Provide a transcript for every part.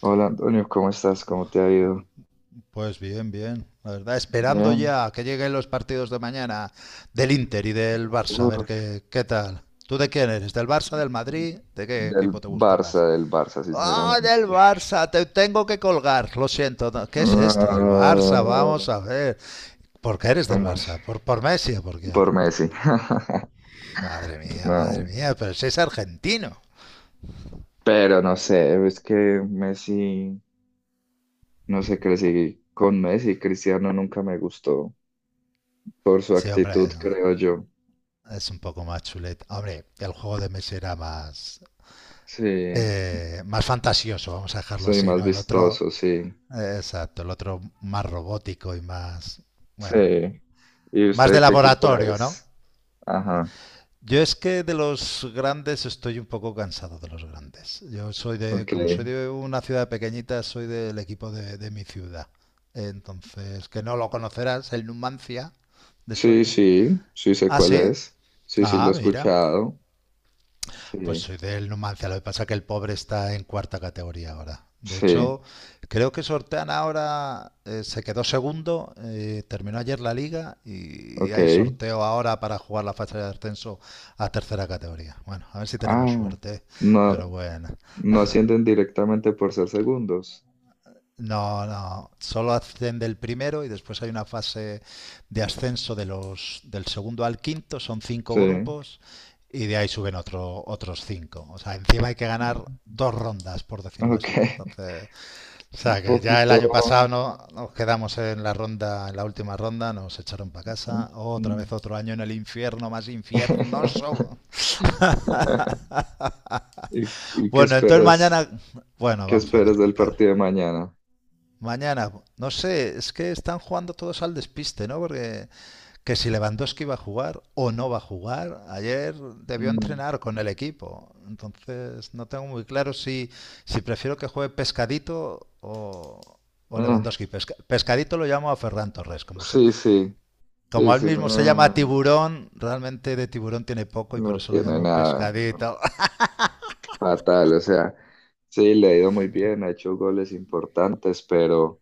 Hola Antonio, ¿cómo estás? ¿Cómo te ha ido? Pues bien, bien. La verdad, esperando Bien. ya que lleguen los partidos de mañana del Inter y del Barça, a ver Uf, qué tal. ¿Tú de quién eres? ¿Del Barça, del Madrid? ¿De qué equipo te gusta más? Del Barça, ¡Ah, sinceramente. del Barça! Te tengo que colgar. Lo siento. ¿Qué es esto del Barça? Vamos Ah, a ver. ¿Por qué eres del ¿cómo es? Barça? ¿Por Messi o por quién? Por Messi. Madre No. mía, pero si es argentino. Pero no sé, es que Messi, no sé, crecí con Messi. Cristiano nunca me gustó por su Sí, actitud, hombre, creo yo. es un poco más chuleta. Hombre, el juego de Messi era más, Sí, eh, más fantasioso, vamos a dejarlo soy así, más ¿no? El otro, vistoso, sí. Exacto, el otro más robótico y más, bueno, Sí. ¿Y más de usted qué equipo laboratorio, ¿no? es? Ajá, Yo es que de los grandes estoy un poco cansado de los grandes. Yo soy de, ok. como soy de una ciudad pequeñita, soy del equipo de mi ciudad. Entonces, que no lo conocerás, el Numancia de Sí, Soria. sí, sí sé Ah, cuál sí. es. Sí, sí, lo Ah, he mira. escuchado. Pues Sí, soy del Numancia, lo que pasa es que el pobre está en cuarta categoría ahora. De hecho, sí, creo que sortean ahora, se quedó segundo, terminó ayer la liga y ok. hay sorteo ahora para jugar la fase de ascenso a tercera categoría. Bueno, a ver si tenemos Ah, suerte, ¿eh? no, Pero bueno. no ascienden directamente por ser segundos. No, no, solo asciende el primero y después hay una fase de ascenso de los, del segundo al quinto, son cinco Sí, grupos y de ahí suben otros cinco. O sea, encima hay que ganar dos rondas, por decirlo ok. así. Entonces, o Un sea, que ya el poquito. año pasado no nos quedamos en la ronda, en la última ronda, nos echaron para Mm. casa. Otra vez otro año en el infierno más infiernoso. ¿Y qué Bueno, entonces esperas? mañana, bueno, ¿Qué vamos a esperas ver qué del tal. partido de mañana? Mañana, no sé, es que están jugando todos al despiste, ¿no? Porque que si Lewandowski va a jugar o no va a jugar, ayer debió Mm, entrenar con el equipo. Entonces no tengo muy claro si prefiero que juegue Pescadito o ah, Lewandowski. Pescadito lo llamo a Ferran Torres, como, se, sí, sí, sí, como él sí, mismo se llama no, Tiburón, realmente de tiburón tiene poco y por no eso lo tiene llamo nada Pescadito. fatal. O sea, sí, le ha ido muy bien, ha hecho goles importantes, pero...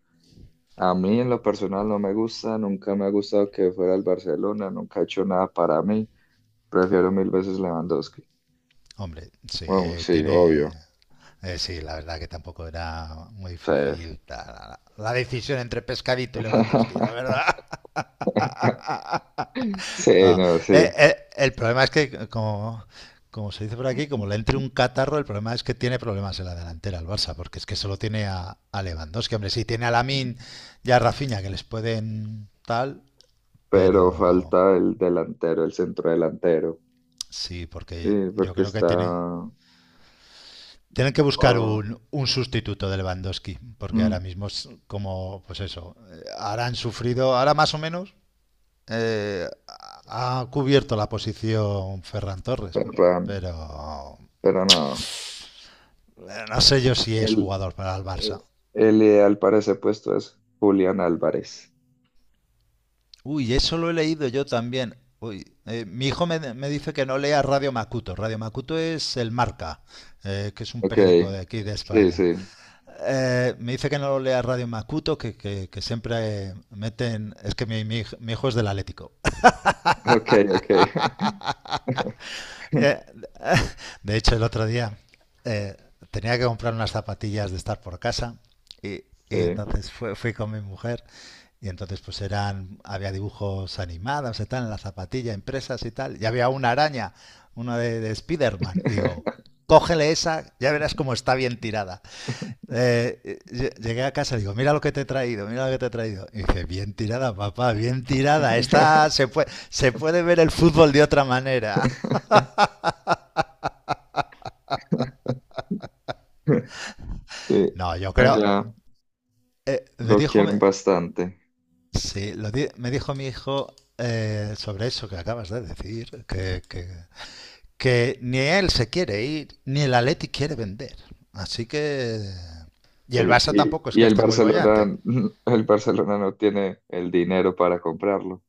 A mí en lo personal no me gusta, nunca me ha gustado que fuera el Barcelona, nunca ha hecho nada para mí. Prefiero mil veces Lewandowski. Hombre, sí, Bueno, sí, tiene... obvio. Sí, la verdad que tampoco era muy Sí, difícil la decisión entre Pescadito y Lewandowski, la verdad. sí, Ah, no, sí. El problema es que, como se dice por aquí, como le entre un catarro, el problema es que tiene problemas en la delantera el Barça, porque es que solo tiene a Lewandowski. Hombre, sí, tiene a Lamin y a Rafinha que les pueden tal, Pero pero falta el delantero, el centro delantero. sí, porque Sí, yo porque creo que tiene... está... Tienen que buscar ah, un sustituto de Lewandowski, porque mm, ahora mismo es como, pues eso, ahora han sufrido, ahora más o menos eh, ha cubierto la posición Ferran Torres, pero, pero pero no. No sé yo si es El, jugador para el Barça. eh, el ideal para ese puesto es Julián Álvarez. Uy, eso lo he leído yo también. Uy, mi hijo me dice que no lea Radio Macuto. Radio Macuto es el Marca, que es un Ok, periódico de aquí de sí, España. sí. Me dice que no lea Radio Macuto, que siempre meten. Es que mi hijo es del Atlético. Ok, ok. Eh, de hecho, el otro día eh, tenía que comprar unas zapatillas de estar por casa y, y Sí. entonces fui, con mi mujer y entonces pues eran había dibujos animados y tal en la zapatilla, impresas y tal. Y había una araña, una de Spiderman. Y digo, cógele esa, ya verás cómo está bien tirada. Llegué a casa y digo, mira lo que te he traído, mira lo que te he traído. Y dije, bien tirada, papá, bien tirada. Está, se puede ver el fútbol de otra manera. Sí, No, yo creo. allá Me lo dijo, quieren bastante. sí, me dijo mi hijo sobre eso que acabas de decir, que ni él se quiere ir, ni el Atleti quiere vender. Así que. Y el Eh, Barça tampoco es Y, y que el esté muy bollante. Barcelona, el Barcelona no tiene el dinero para comprarlo.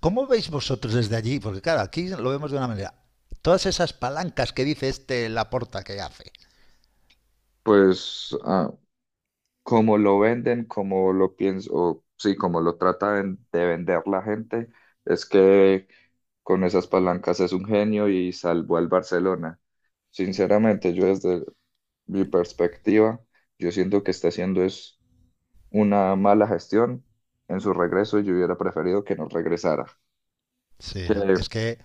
¿Cómo veis vosotros desde allí? Porque claro, aquí lo vemos de una manera. Todas esas palancas que dice este Laporta que hace. Pues como lo venden, como lo pienso, o sí, como lo tratan de vender la gente, es que con esas palancas es un genio y salvó al Barcelona. Sinceramente, yo desde mi perspectiva, yo siento que está haciendo es una mala gestión en su regreso, yo hubiera preferido que no regresara. Sí, Que, no. Es que,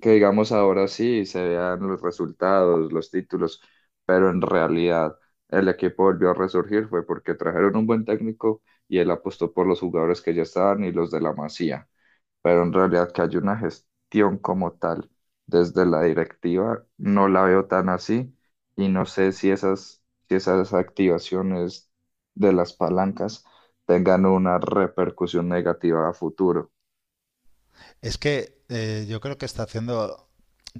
que digamos ahora sí se vean los resultados, los títulos, pero en realidad el equipo volvió a resurgir fue porque trajeron un buen técnico y él apostó por los jugadores que ya estaban y los de la Masía, pero en realidad que hay una gestión como tal desde la directiva, no la veo tan así, y no sé si esas activaciones de las palancas tengan una repercusión negativa a futuro. es que yo creo que está haciendo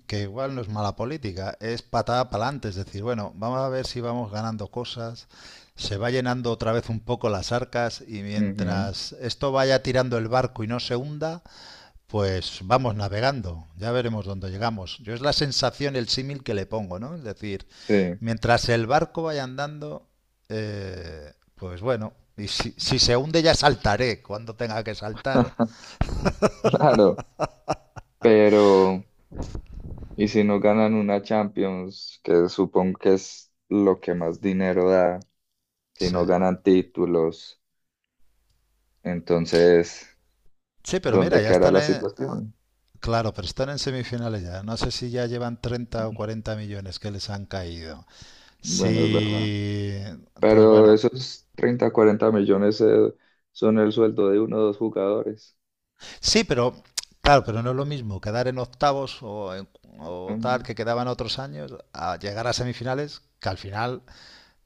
que igual no es mala política, es patada para adelante, es decir, bueno, vamos a ver si vamos ganando cosas, se va llenando otra vez un poco las arcas y Ujú, mientras esto vaya tirando el barco y no se hunda, pues vamos navegando, ya veremos dónde llegamos. Yo es la sensación, el símil que le pongo, ¿no? Es decir, sí, mientras el barco vaya andando, pues bueno, y si se hunde ya saltaré cuando tenga que saltar. claro, pero ¿y si no ganan una Champions, que supongo que es lo que más dinero da, si Sí. no ganan títulos, entonces Sí, pero mira, dónde ya quedará están la en... situación? Claro, pero están en semifinales ya. No sé si ya llevan 30 o 40 millones que les han caído. Bueno, es verdad. Sí. Entonces, Pero bueno, esos 30 40 millones son el sueldo de uno o dos jugadores. sí, pero claro, pero no es lo mismo quedar en octavos o tal Mm, que quedaban otros años a llegar a semifinales, que al final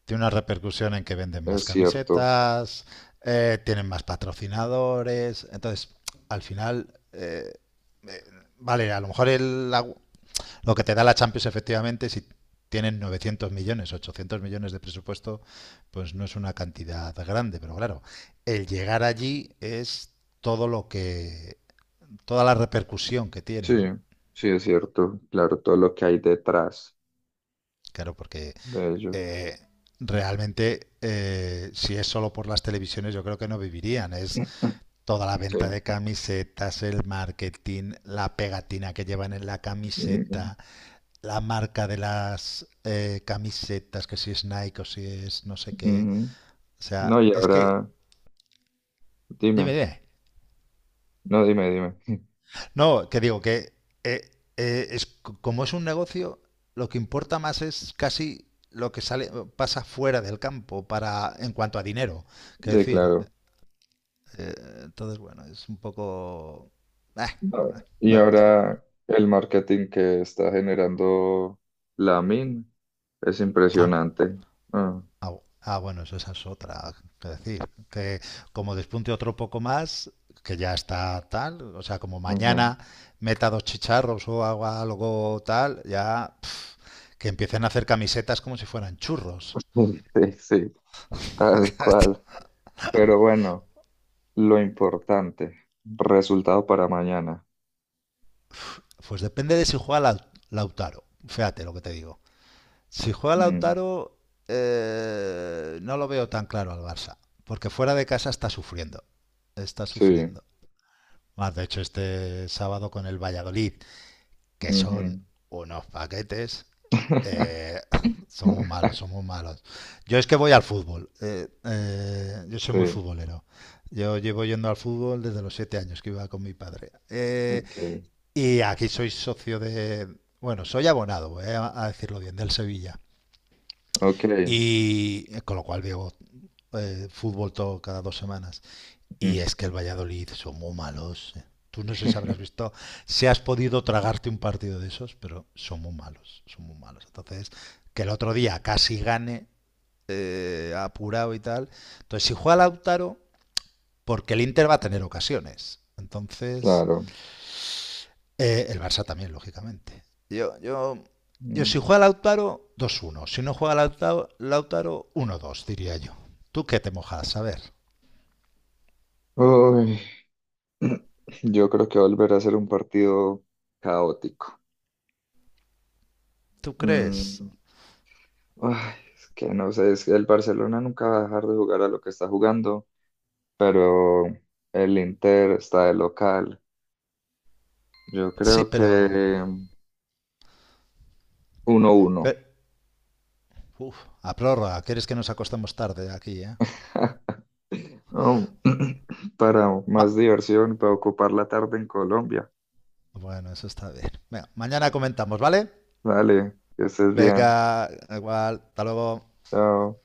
tiene una repercusión en que venden más es cierto. camisetas, tienen más patrocinadores, entonces al final eh, vale, a lo mejor lo que te da la Champions efectivamente si tienen 900 millones, 800 millones de presupuesto, pues no es una cantidad grande, pero claro, el llegar allí es todo lo que toda la repercusión que Sí, tiene, ¿no? sí, es cierto. Claro, todo lo que hay detrás Claro, porque de ellos. eh, realmente si es solo por las televisiones yo creo que no vivirían. Es toda la Sí. venta de camisetas, el marketing, la pegatina que llevan en la Mm, camiseta, la marca de las camisetas, que si es Nike o si es no sé qué. ujú. O sea, No, y es que... ahora, Dime, dime. dime. No, dime, dime. No, que digo que eh, como es un negocio, lo que importa más es casi lo que sale, pasa fuera del campo para, en cuanto a dinero. Que Sí, decir, claro. eh, entonces, bueno, es un poco... eh, Ah, eh, Y pero bueno, ahora el marketing que está generando la min es au, impresionante. Ah, au. Ah, bueno, eso, esa es otra. Que decir, que como despunte otro poco más, que ya está tal, o sea, como ujú. mañana meta dos chicharros o hago algo tal, ya que empiecen a hacer camisetas como si fueran churros. Sí, sí, tal cual. Pero bueno. Lo importante, resultado para mañana. Pues depende de si juega Lautaro. Fíjate lo que te digo. Si juega Mm, Lautaro, no lo veo tan claro al Barça. Porque fuera de casa está sufriendo. Está sí. sufriendo. Más de hecho, este sábado con el Valladolid, que son Ujú. unos paquetes, eh, son muy malos, son muy malos. Yo es que voy al fútbol. Yo soy muy Sí. futbolero. Yo llevo yendo al fútbol desde los 7 años que iba con mi padre. Ok. Y aquí soy socio de, bueno, soy abonado, voy a, decirlo bien, del Sevilla. Ok. Y con lo cual veo fútbol todo cada 2 semanas. Y Mm, es que el Valladolid son muy malos. Tú no sé si habrás visto, si has podido tragarte un partido de esos, pero son muy malos, son muy malos. Entonces, que el otro día casi gane, apurado y tal. Entonces, si juega Lautaro, porque el Inter va a tener ocasiones. Entonces, claro. El Barça también, lógicamente. Yo, yo, Yo, si Mm. juega Lautaro, 2-1. Si no juega Lautaro, Lautaro 1-2, diría yo. ¿Tú qué te mojas? A ver, Uy, yo creo que volverá a ser un partido caótico. ¿tú crees? Mm, ay, es que no sé, es que el Barcelona nunca va a dejar de jugar a lo que está jugando, pero el Inter está de local. Yo Sí, creo que pero... mm, 1-1. pe- uf, a prórroga, ¿quieres que nos acostemos tarde aquí, eh? Oh, para Va, más diversión, para ocupar la tarde en Colombia. bueno, eso está bien. Venga, mañana comentamos, ¿vale? Vale, que estés bien. Venga, igual, hasta luego. Chao.